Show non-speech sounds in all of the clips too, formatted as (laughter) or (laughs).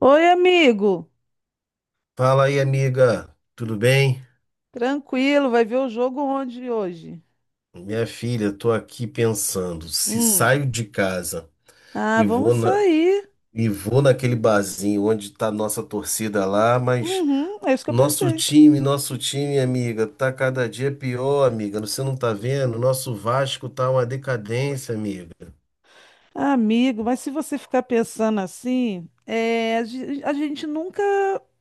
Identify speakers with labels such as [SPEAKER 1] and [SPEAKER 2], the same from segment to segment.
[SPEAKER 1] Oi, amigo.
[SPEAKER 2] Fala aí, amiga, tudo bem?
[SPEAKER 1] Tranquilo, vai ver o jogo onde hoje?
[SPEAKER 2] Minha filha, tô aqui pensando, se
[SPEAKER 1] Hum.
[SPEAKER 2] saio de casa
[SPEAKER 1] Ah,
[SPEAKER 2] e vou
[SPEAKER 1] vamos
[SPEAKER 2] na,
[SPEAKER 1] sair.
[SPEAKER 2] e vou naquele barzinho onde tá nossa torcida lá, mas
[SPEAKER 1] Uhum, é isso que eu
[SPEAKER 2] nosso
[SPEAKER 1] pensei.
[SPEAKER 2] time, nosso time, amiga, tá cada dia pior, amiga. Você não tá vendo? Nosso Vasco tá uma decadência, amiga.
[SPEAKER 1] Amigo, mas se você ficar pensando assim, é, a gente nunca,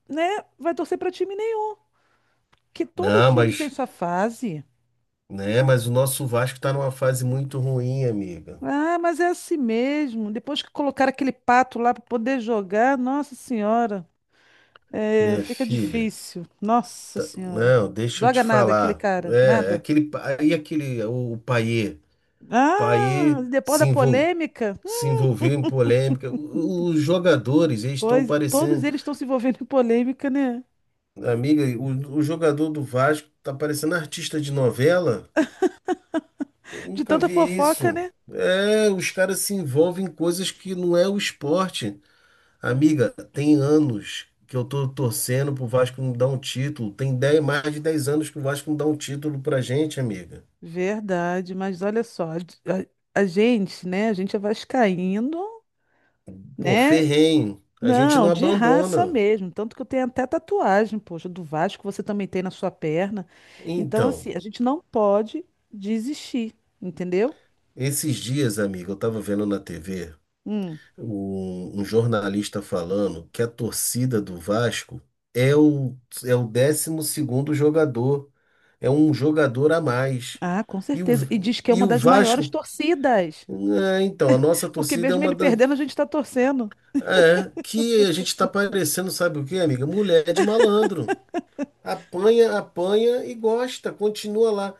[SPEAKER 1] né, vai torcer para time nenhum, porque todo
[SPEAKER 2] Não,
[SPEAKER 1] time tem
[SPEAKER 2] mas,
[SPEAKER 1] sua fase.
[SPEAKER 2] né, mas o nosso Vasco tá numa fase muito ruim, amiga.
[SPEAKER 1] Ah, mas é assim mesmo. Depois que colocar aquele pato lá para poder jogar, nossa senhora, é,
[SPEAKER 2] Minha
[SPEAKER 1] fica
[SPEAKER 2] filha,
[SPEAKER 1] difícil. Nossa senhora.
[SPEAKER 2] não, deixa eu te
[SPEAKER 1] Joga nada aquele
[SPEAKER 2] falar.
[SPEAKER 1] cara,
[SPEAKER 2] É,
[SPEAKER 1] nada.
[SPEAKER 2] aquele, pa- e aquele, o Payet?
[SPEAKER 1] Ah,
[SPEAKER 2] Paê
[SPEAKER 1] depois
[SPEAKER 2] se
[SPEAKER 1] da
[SPEAKER 2] envol-
[SPEAKER 1] polêmica?
[SPEAKER 2] se envolveu em polêmica. Os jogadores, eles estão
[SPEAKER 1] Pois, todos
[SPEAKER 2] parecendo.
[SPEAKER 1] eles estão se envolvendo em polêmica, né?
[SPEAKER 2] Amiga, o jogador do Vasco tá parecendo artista de novela. Eu
[SPEAKER 1] De
[SPEAKER 2] nunca
[SPEAKER 1] tanta
[SPEAKER 2] vi
[SPEAKER 1] fofoca,
[SPEAKER 2] isso.
[SPEAKER 1] né?
[SPEAKER 2] É, os caras se envolvem em coisas que não é o esporte. Amiga, tem anos que eu tô torcendo pro Vasco não dar um título. Tem 10 mais de 10 anos que o Vasco não dá um título pra gente, amiga.
[SPEAKER 1] Verdade, mas olha só, a gente, né? A gente é vascaíno,
[SPEAKER 2] Pô,
[SPEAKER 1] né?
[SPEAKER 2] ferrenho. A gente
[SPEAKER 1] Não,
[SPEAKER 2] não
[SPEAKER 1] de raça
[SPEAKER 2] abandona.
[SPEAKER 1] mesmo. Tanto que eu tenho até tatuagem, poxa, do Vasco, você também tem na sua perna. Então, assim,
[SPEAKER 2] Então.
[SPEAKER 1] a gente não pode desistir, entendeu?
[SPEAKER 2] Esses dias, amigo, eu estava vendo na TV
[SPEAKER 1] Hum.
[SPEAKER 2] um, um jornalista falando que a torcida do Vasco é o, é o 12º jogador, é um jogador a mais.
[SPEAKER 1] Ah, com
[SPEAKER 2] E o,
[SPEAKER 1] certeza. E diz que é
[SPEAKER 2] e
[SPEAKER 1] uma
[SPEAKER 2] o
[SPEAKER 1] das maiores
[SPEAKER 2] Vasco,
[SPEAKER 1] torcidas.
[SPEAKER 2] é, então, a nossa
[SPEAKER 1] Porque
[SPEAKER 2] torcida é
[SPEAKER 1] mesmo
[SPEAKER 2] uma
[SPEAKER 1] ele perdendo, a gente está torcendo.
[SPEAKER 2] é, que a gente está parecendo, sabe o quê, amiga? Mulher de malandro. Apanha, apanha e gosta, continua lá.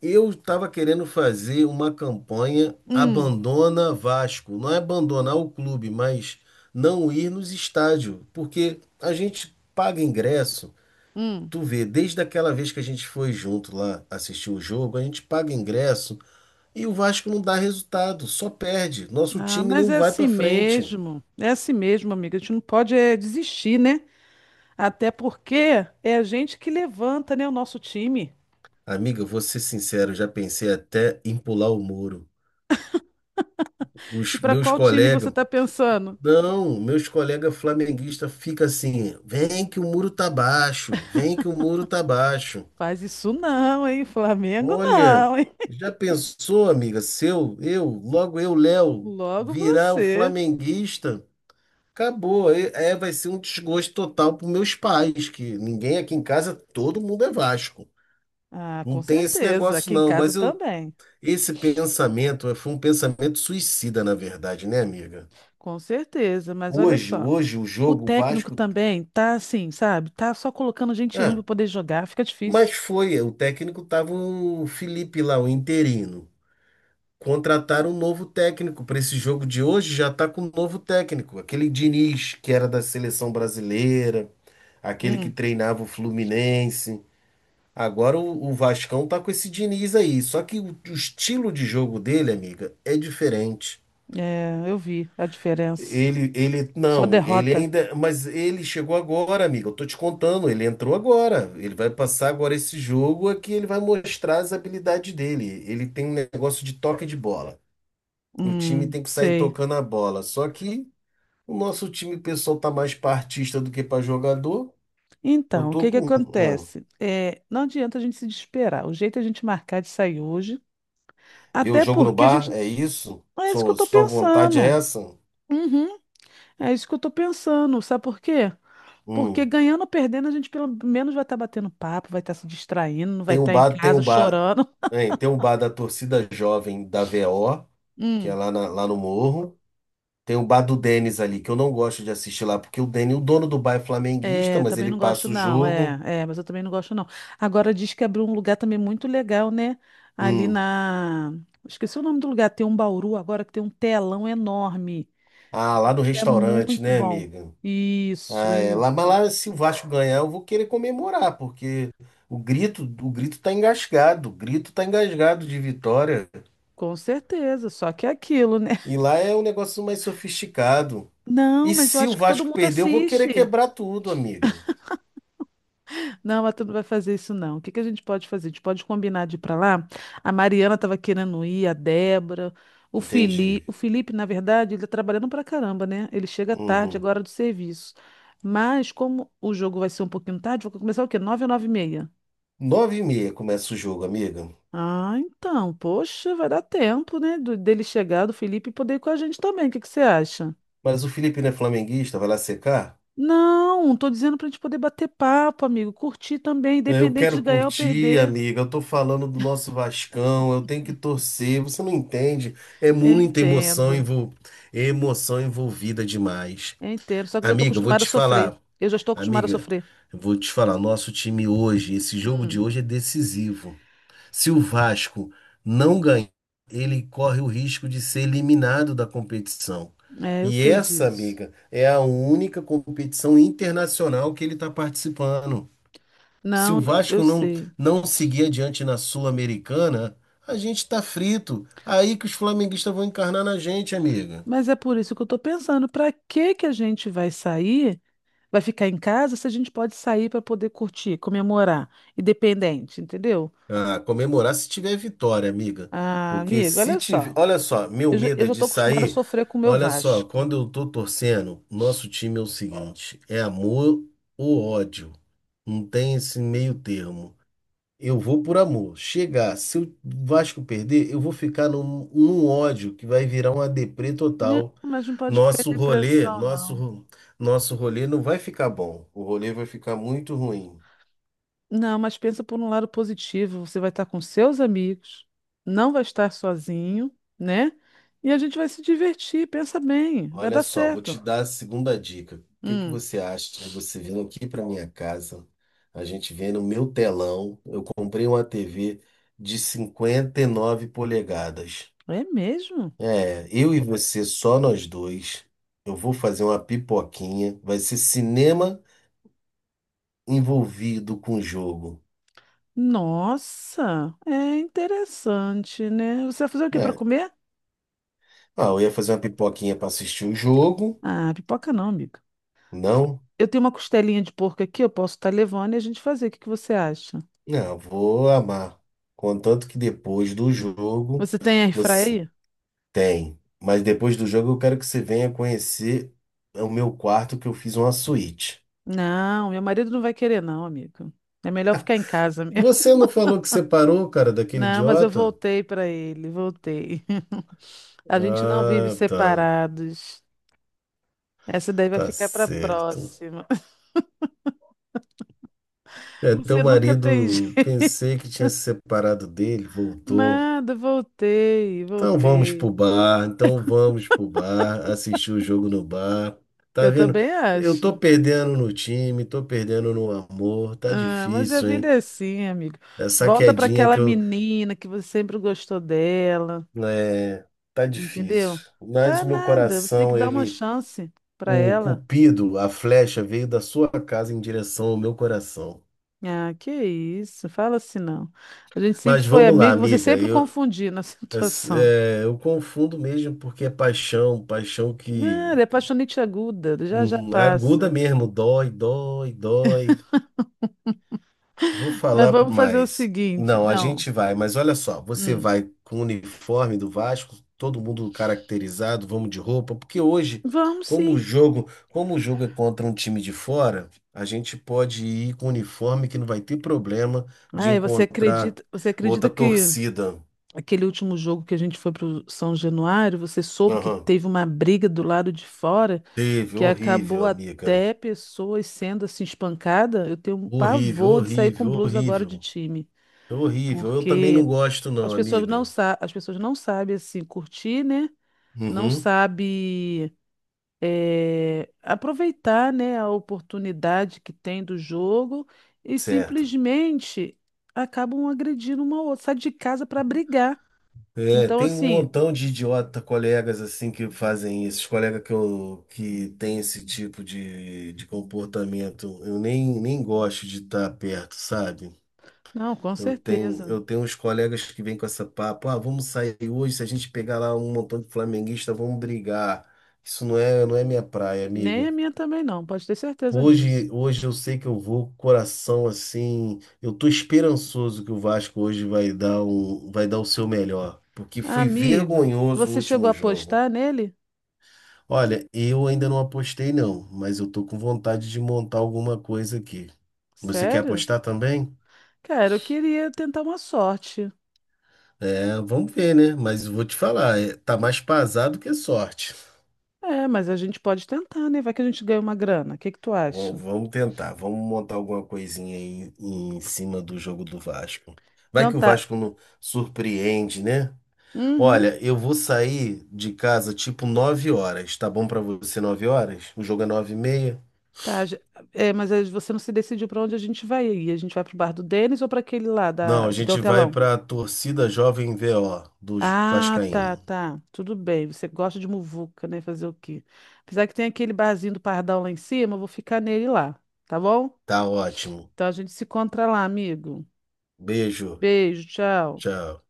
[SPEAKER 2] Eu estava querendo fazer uma campanha
[SPEAKER 1] Hum,
[SPEAKER 2] Abandona Vasco. Não é abandonar o clube, mas não ir nos estádios, porque a gente paga ingresso.
[SPEAKER 1] hum.
[SPEAKER 2] Tu vê, desde aquela vez que a gente foi junto lá assistir o jogo, a gente paga ingresso e o Vasco não dá resultado, só perde. Nosso
[SPEAKER 1] Ah,
[SPEAKER 2] time
[SPEAKER 1] mas
[SPEAKER 2] não vai para frente.
[SPEAKER 1] é assim mesmo, amiga. A gente não pode desistir, né? Até porque é a gente que levanta, né, o nosso time.
[SPEAKER 2] Amiga, vou ser sincero, já pensei até em pular o muro.
[SPEAKER 1] E
[SPEAKER 2] Os
[SPEAKER 1] para
[SPEAKER 2] meus
[SPEAKER 1] qual time você
[SPEAKER 2] colegas
[SPEAKER 1] tá pensando?
[SPEAKER 2] Não, meus colegas flamenguistas ficam assim, vem que o muro tá baixo, vem que o muro tá baixo.
[SPEAKER 1] Faz isso não, hein? Flamengo
[SPEAKER 2] Olha,
[SPEAKER 1] não, hein?
[SPEAKER 2] já pensou, amiga, se eu, logo eu, Léo,
[SPEAKER 1] Logo
[SPEAKER 2] virar o
[SPEAKER 1] você.
[SPEAKER 2] flamenguista, acabou, vai ser um desgosto total para meus pais, que ninguém aqui em casa, todo mundo é Vasco.
[SPEAKER 1] Ah,
[SPEAKER 2] Não
[SPEAKER 1] com
[SPEAKER 2] tem esse
[SPEAKER 1] certeza.
[SPEAKER 2] negócio
[SPEAKER 1] Aqui em
[SPEAKER 2] não,
[SPEAKER 1] casa também.
[SPEAKER 2] esse pensamento foi um pensamento suicida, na verdade, né, amiga?
[SPEAKER 1] Com certeza. Mas olha
[SPEAKER 2] Hoje,
[SPEAKER 1] só,
[SPEAKER 2] hoje o
[SPEAKER 1] o
[SPEAKER 2] jogo, o
[SPEAKER 1] técnico
[SPEAKER 2] Vasco.
[SPEAKER 1] também tá assim, sabe? Tá só colocando gente ruim para poder jogar. Fica
[SPEAKER 2] Mas
[SPEAKER 1] difícil.
[SPEAKER 2] foi, o técnico tava o Felipe lá, o interino. Contrataram um novo técnico para esse jogo de hoje, já tá com um novo técnico, aquele Diniz que era da seleção brasileira, aquele que
[SPEAKER 1] Hum,
[SPEAKER 2] treinava o Fluminense. Agora o Vascão tá com esse Diniz aí, só que o estilo de jogo dele, amiga, é diferente.
[SPEAKER 1] é, eu vi a diferença. Só
[SPEAKER 2] Não, ele
[SPEAKER 1] derrota.
[SPEAKER 2] ainda, mas ele chegou agora, amigo. Eu tô te contando, ele entrou agora. Ele vai passar agora esse jogo aqui, ele vai mostrar as habilidades dele. Ele tem um negócio de toque de bola. O time tem que sair
[SPEAKER 1] Sei.
[SPEAKER 2] tocando a bola. Só que o nosso time pessoal tá mais pra artista do que pra jogador. Eu
[SPEAKER 1] Então, o
[SPEAKER 2] tô
[SPEAKER 1] que que
[SPEAKER 2] com, não.
[SPEAKER 1] acontece? É, não adianta a gente se desesperar. O jeito é a gente marcar de sair hoje,
[SPEAKER 2] Ver o
[SPEAKER 1] até
[SPEAKER 2] jogo no
[SPEAKER 1] porque a
[SPEAKER 2] bar,
[SPEAKER 1] gente.
[SPEAKER 2] é isso?
[SPEAKER 1] É isso que eu
[SPEAKER 2] Sua,
[SPEAKER 1] tô
[SPEAKER 2] sua vontade é
[SPEAKER 1] pensando.
[SPEAKER 2] essa?
[SPEAKER 1] Uhum, é isso que eu tô pensando. Sabe por quê? Porque
[SPEAKER 2] Hum.
[SPEAKER 1] ganhando ou perdendo, a gente pelo menos vai estar batendo papo, vai estar se distraindo, não vai
[SPEAKER 2] Tem o
[SPEAKER 1] estar em
[SPEAKER 2] bar, tem o
[SPEAKER 1] casa
[SPEAKER 2] bar,
[SPEAKER 1] chorando.
[SPEAKER 2] hein, tem o bar da torcida jovem da V O que é
[SPEAKER 1] (laughs)
[SPEAKER 2] lá, lá no Morro. Tem o bar do Denis ali, que eu não gosto de assistir lá, porque o Denis, o dono do bar é flamenguista,
[SPEAKER 1] É,
[SPEAKER 2] mas
[SPEAKER 1] também
[SPEAKER 2] ele
[SPEAKER 1] não gosto,
[SPEAKER 2] passa o
[SPEAKER 1] não. É,
[SPEAKER 2] jogo.
[SPEAKER 1] é, mas eu também não gosto, não. Agora diz que abriu um lugar também muito legal, né? Ali
[SPEAKER 2] Hum.
[SPEAKER 1] na. Esqueci o nome do lugar, tem um Bauru agora que tem um telão enorme.
[SPEAKER 2] Ah, lá
[SPEAKER 1] Diz
[SPEAKER 2] no
[SPEAKER 1] que é
[SPEAKER 2] restaurante,
[SPEAKER 1] muito
[SPEAKER 2] né,
[SPEAKER 1] bom.
[SPEAKER 2] amiga?
[SPEAKER 1] Isso,
[SPEAKER 2] Ah, é. Lá, mas
[SPEAKER 1] isso.
[SPEAKER 2] lá, se o Vasco ganhar, eu vou querer comemorar, porque o grito tá engasgado, o grito tá engasgado de vitória.
[SPEAKER 1] Com certeza, só que é aquilo, né?
[SPEAKER 2] E
[SPEAKER 1] (laughs)
[SPEAKER 2] lá é um negócio mais sofisticado. E
[SPEAKER 1] Não, mas eu
[SPEAKER 2] se o
[SPEAKER 1] acho que todo
[SPEAKER 2] Vasco
[SPEAKER 1] mundo
[SPEAKER 2] perder, eu vou querer
[SPEAKER 1] assiste.
[SPEAKER 2] quebrar tudo, amiga.
[SPEAKER 1] Não, mas tu não vai fazer isso, não. O que que a gente pode fazer? A gente pode combinar de ir pra lá. A Mariana estava querendo ir, a Débora, o Felipe.
[SPEAKER 2] Entendi.
[SPEAKER 1] O Felipe, na verdade, ele tá trabalhando pra caramba, né? Ele chega tarde
[SPEAKER 2] Uhum.
[SPEAKER 1] agora do serviço. Mas como o jogo vai ser um pouquinho tarde, vai começar o quê? Nove ou nove e meia?
[SPEAKER 2] 9h30 começa o jogo, amiga.
[SPEAKER 1] Ah, então, poxa, vai dar tempo, né? Dele chegar, do Felipe, e poder ir com a gente também. O que que você acha?
[SPEAKER 2] Mas o Felipe não é flamenguista, vai lá secar?
[SPEAKER 1] Não, tô dizendo pra gente poder bater papo, amigo, curtir também,
[SPEAKER 2] É, eu
[SPEAKER 1] independente de
[SPEAKER 2] quero
[SPEAKER 1] ganhar ou
[SPEAKER 2] curtir,
[SPEAKER 1] perder.
[SPEAKER 2] amiga. Eu tô falando do nosso Vascão, eu tenho que torcer. Você não entende? É
[SPEAKER 1] Eu
[SPEAKER 2] muita emoção,
[SPEAKER 1] entendo.
[SPEAKER 2] envol... emoção envolvida demais.
[SPEAKER 1] É inteiro. Só que eu já estou
[SPEAKER 2] Amiga, eu vou
[SPEAKER 1] acostumada a
[SPEAKER 2] te
[SPEAKER 1] sofrer.
[SPEAKER 2] falar.
[SPEAKER 1] Eu já estou acostumada a
[SPEAKER 2] Amiga,
[SPEAKER 1] sofrer.
[SPEAKER 2] eu vou te falar. Nosso time hoje, esse jogo de
[SPEAKER 1] Hum,
[SPEAKER 2] hoje é decisivo. Se o Vasco não ganhar, ele corre o risco de ser eliminado da competição.
[SPEAKER 1] é, eu
[SPEAKER 2] E
[SPEAKER 1] sei
[SPEAKER 2] essa,
[SPEAKER 1] disso.
[SPEAKER 2] amiga, é a única competição internacional que ele está participando. Se o
[SPEAKER 1] Não, eu
[SPEAKER 2] Vasco não,
[SPEAKER 1] sei.
[SPEAKER 2] não seguir adiante na Sul-Americana, a gente está frito. Aí que os flamenguistas vão encarnar na gente, amiga.
[SPEAKER 1] Mas é por isso que eu estou pensando, para que que a gente vai sair, vai ficar em casa, se a gente pode sair para poder curtir, comemorar, independente, entendeu?
[SPEAKER 2] Ah, comemorar se tiver vitória, amiga.
[SPEAKER 1] Ah,
[SPEAKER 2] Porque
[SPEAKER 1] amigo,
[SPEAKER 2] se
[SPEAKER 1] olha
[SPEAKER 2] tiver.
[SPEAKER 1] só.
[SPEAKER 2] Olha só, meu medo
[SPEAKER 1] Eu
[SPEAKER 2] é
[SPEAKER 1] já
[SPEAKER 2] de
[SPEAKER 1] estou acostumada a
[SPEAKER 2] sair.
[SPEAKER 1] sofrer com o meu
[SPEAKER 2] Olha só,
[SPEAKER 1] Vasco.
[SPEAKER 2] quando eu tô torcendo, nosso time é o seguinte: é amor ou ódio. Não tem esse meio termo. Eu vou por amor. Chegar, se o Vasco perder, eu vou ficar num ódio que vai virar uma deprê
[SPEAKER 1] Não,
[SPEAKER 2] total.
[SPEAKER 1] mas não pode ficar em
[SPEAKER 2] Nosso rolê,
[SPEAKER 1] depressão, não.
[SPEAKER 2] nosso, nosso rolê não vai ficar bom. O rolê vai ficar muito ruim.
[SPEAKER 1] Não, mas pensa por um lado positivo. Você vai estar com seus amigos, não vai estar sozinho, né? E a gente vai se divertir. Pensa bem, vai
[SPEAKER 2] Olha
[SPEAKER 1] dar
[SPEAKER 2] só, vou
[SPEAKER 1] certo.
[SPEAKER 2] te dar a segunda dica. O que que
[SPEAKER 1] Hum,
[SPEAKER 2] você acha de você vir aqui para minha casa? A gente vê no meu telão. Eu comprei uma TV de 59 polegadas.
[SPEAKER 1] é mesmo?
[SPEAKER 2] É, eu e você, só nós dois. Eu vou fazer uma pipoquinha. Vai ser cinema envolvido com o jogo,
[SPEAKER 1] Nossa, é interessante, né? Você vai fazer o quê para
[SPEAKER 2] né?
[SPEAKER 1] comer?
[SPEAKER 2] Ah, eu ia fazer uma pipoquinha para assistir o jogo.
[SPEAKER 1] Ah, pipoca não, amiga. F-
[SPEAKER 2] Não?
[SPEAKER 1] Eu tenho uma costelinha de porco aqui, eu posso estar levando e a gente fazer. O que que você acha?
[SPEAKER 2] Não, eu vou amar. Contanto que depois do jogo.
[SPEAKER 1] Você tem airfryer
[SPEAKER 2] Você...
[SPEAKER 1] aí?
[SPEAKER 2] Tem. Mas depois do jogo eu quero que você venha conhecer o meu quarto que eu fiz uma suíte.
[SPEAKER 1] Não, meu marido não vai querer, não, amiga. É melhor ficar em casa.
[SPEAKER 2] Você não falou que separou, cara, daquele
[SPEAKER 1] Não, mas eu
[SPEAKER 2] idiota?
[SPEAKER 1] voltei para ele, voltei. (laughs) A gente não vive
[SPEAKER 2] Ah, tá.
[SPEAKER 1] separados. Essa daí vai
[SPEAKER 2] Tá
[SPEAKER 1] ficar para
[SPEAKER 2] certo.
[SPEAKER 1] próxima. (laughs)
[SPEAKER 2] É, teu
[SPEAKER 1] Você nunca tem (laughs)
[SPEAKER 2] marido,
[SPEAKER 1] jeito.
[SPEAKER 2] pensei que tinha se separado dele, voltou.
[SPEAKER 1] Nada, voltei,
[SPEAKER 2] Então vamos
[SPEAKER 1] voltei.
[SPEAKER 2] pro bar, então vamos pro bar, assistir o jogo no bar. Tá
[SPEAKER 1] Eu
[SPEAKER 2] vendo?
[SPEAKER 1] também
[SPEAKER 2] Eu tô
[SPEAKER 1] acho.
[SPEAKER 2] perdendo no time, tô perdendo no amor, tá
[SPEAKER 1] Ah, mas a
[SPEAKER 2] difícil,
[SPEAKER 1] vida
[SPEAKER 2] hein?
[SPEAKER 1] é assim, amigo.
[SPEAKER 2] Essa
[SPEAKER 1] Volta para
[SPEAKER 2] quedinha
[SPEAKER 1] aquela
[SPEAKER 2] que eu
[SPEAKER 1] menina que você sempre gostou dela,
[SPEAKER 2] É, tá
[SPEAKER 1] entendeu?
[SPEAKER 2] difícil. Mas
[SPEAKER 1] Tá
[SPEAKER 2] o meu
[SPEAKER 1] nada, você tem que
[SPEAKER 2] coração,
[SPEAKER 1] dar uma chance para
[SPEAKER 2] o
[SPEAKER 1] ela.
[SPEAKER 2] cupido, a flecha veio da sua casa em direção ao meu coração.
[SPEAKER 1] Ah, que isso, fala assim não. A gente sempre
[SPEAKER 2] Mas
[SPEAKER 1] foi
[SPEAKER 2] vamos lá,
[SPEAKER 1] amigo, você
[SPEAKER 2] amiga.
[SPEAKER 1] sempre
[SPEAKER 2] Eu,
[SPEAKER 1] confundiu na (laughs)
[SPEAKER 2] es-
[SPEAKER 1] situação.
[SPEAKER 2] é, eu confundo mesmo porque é paixão, paixão
[SPEAKER 1] Nada,
[SPEAKER 2] que
[SPEAKER 1] é apaixonite aguda, já já
[SPEAKER 2] aguda
[SPEAKER 1] passa.
[SPEAKER 2] mesmo, dói, dói, dói. Vou
[SPEAKER 1] Mas
[SPEAKER 2] falar por
[SPEAKER 1] vamos fazer o
[SPEAKER 2] mais.
[SPEAKER 1] seguinte,
[SPEAKER 2] Não, a
[SPEAKER 1] não.
[SPEAKER 2] gente vai, mas olha só, você
[SPEAKER 1] Hum,
[SPEAKER 2] vai com o uniforme do Vasco, todo mundo caracterizado, vamos de roupa, porque hoje,
[SPEAKER 1] vamos
[SPEAKER 2] como o
[SPEAKER 1] sim.
[SPEAKER 2] jogo, como o jogo é contra um time de fora, a gente pode ir com uniforme que não vai ter problema de
[SPEAKER 1] Ai,
[SPEAKER 2] encontrar
[SPEAKER 1] você
[SPEAKER 2] outra
[SPEAKER 1] acredita que
[SPEAKER 2] torcida.
[SPEAKER 1] aquele último jogo que a gente foi pro São Januário, você soube que
[SPEAKER 2] Aham.
[SPEAKER 1] teve uma briga do lado de fora
[SPEAKER 2] Teve,
[SPEAKER 1] que acabou
[SPEAKER 2] horrível, amiga.
[SPEAKER 1] até pessoas sendo assim espancada? Eu tenho um
[SPEAKER 2] Horrível,
[SPEAKER 1] pavor de sair com
[SPEAKER 2] horrível,
[SPEAKER 1] blusa agora de
[SPEAKER 2] horrível.
[SPEAKER 1] time,
[SPEAKER 2] Horrível. Eu também não
[SPEAKER 1] porque
[SPEAKER 2] gosto, não, amiga.
[SPEAKER 1] as pessoas não sabem assim curtir, né? Não
[SPEAKER 2] Uhum,
[SPEAKER 1] sabem aproveitar, né, a oportunidade que tem do jogo e
[SPEAKER 2] certo.
[SPEAKER 1] simplesmente acabam agredindo uma outra, sai de casa para brigar.
[SPEAKER 2] É,
[SPEAKER 1] Então,
[SPEAKER 2] tem um
[SPEAKER 1] assim,
[SPEAKER 2] montão de idiota colegas assim que fazem isso, os colegas que tem esse tipo de comportamento. Eu nem gosto de estar perto, sabe?
[SPEAKER 1] não, com
[SPEAKER 2] Eu tenho,
[SPEAKER 1] certeza.
[SPEAKER 2] eu tenho uns colegas que vêm com essa papo, ah, vamos sair hoje, se a gente pegar lá um montão de flamenguista, vamos brigar. Isso não é minha praia,
[SPEAKER 1] Nem a
[SPEAKER 2] amiga.
[SPEAKER 1] minha também não, pode ter certeza disso.
[SPEAKER 2] Hoje eu sei que eu vou com o coração assim. Eu tô esperançoso que o Vasco hoje vai dar o seu melhor, porque foi
[SPEAKER 1] Amigo,
[SPEAKER 2] vergonhoso o
[SPEAKER 1] você chegou a
[SPEAKER 2] último jogo.
[SPEAKER 1] apostar nele?
[SPEAKER 2] Olha, eu ainda não apostei não, mas eu tô com vontade de montar alguma coisa aqui. Você quer
[SPEAKER 1] Sério?
[SPEAKER 2] apostar também?
[SPEAKER 1] Cara, eu queria tentar uma sorte.
[SPEAKER 2] É, vamos ver, né? Mas eu vou te falar, tá mais pasado que sorte.
[SPEAKER 1] É, mas a gente pode tentar, né? Vai que a gente ganha uma grana. O que que tu
[SPEAKER 2] Vamos,
[SPEAKER 1] acha?
[SPEAKER 2] vamos tentar, vamos montar alguma coisinha aí em cima do jogo do Vasco. Vai
[SPEAKER 1] Então
[SPEAKER 2] que o
[SPEAKER 1] tá.
[SPEAKER 2] Vasco não surpreende, né?
[SPEAKER 1] Uhum.
[SPEAKER 2] Olha, eu vou sair de casa tipo 9h. Tá bom pra você 9h? O jogo é 9h30?
[SPEAKER 1] Tá, já- é, mas aí você não se decidiu para onde a gente vai aí. A gente vai pro bar do Denis ou para aquele lá
[SPEAKER 2] Não, a
[SPEAKER 1] da, que tem o
[SPEAKER 2] gente vai
[SPEAKER 1] telão?
[SPEAKER 2] pra torcida Jovem VO dos
[SPEAKER 1] Ah, tá,
[SPEAKER 2] Vascaíno.
[SPEAKER 1] tá. Tudo bem. Você gosta de muvuca, né? Fazer o quê? Apesar que tem aquele barzinho do Pardal lá em cima, eu vou ficar nele lá, tá bom?
[SPEAKER 2] Tá ótimo.
[SPEAKER 1] Então a gente se encontra lá, amigo.
[SPEAKER 2] Beijo.
[SPEAKER 1] Beijo, tchau.
[SPEAKER 2] Tchau.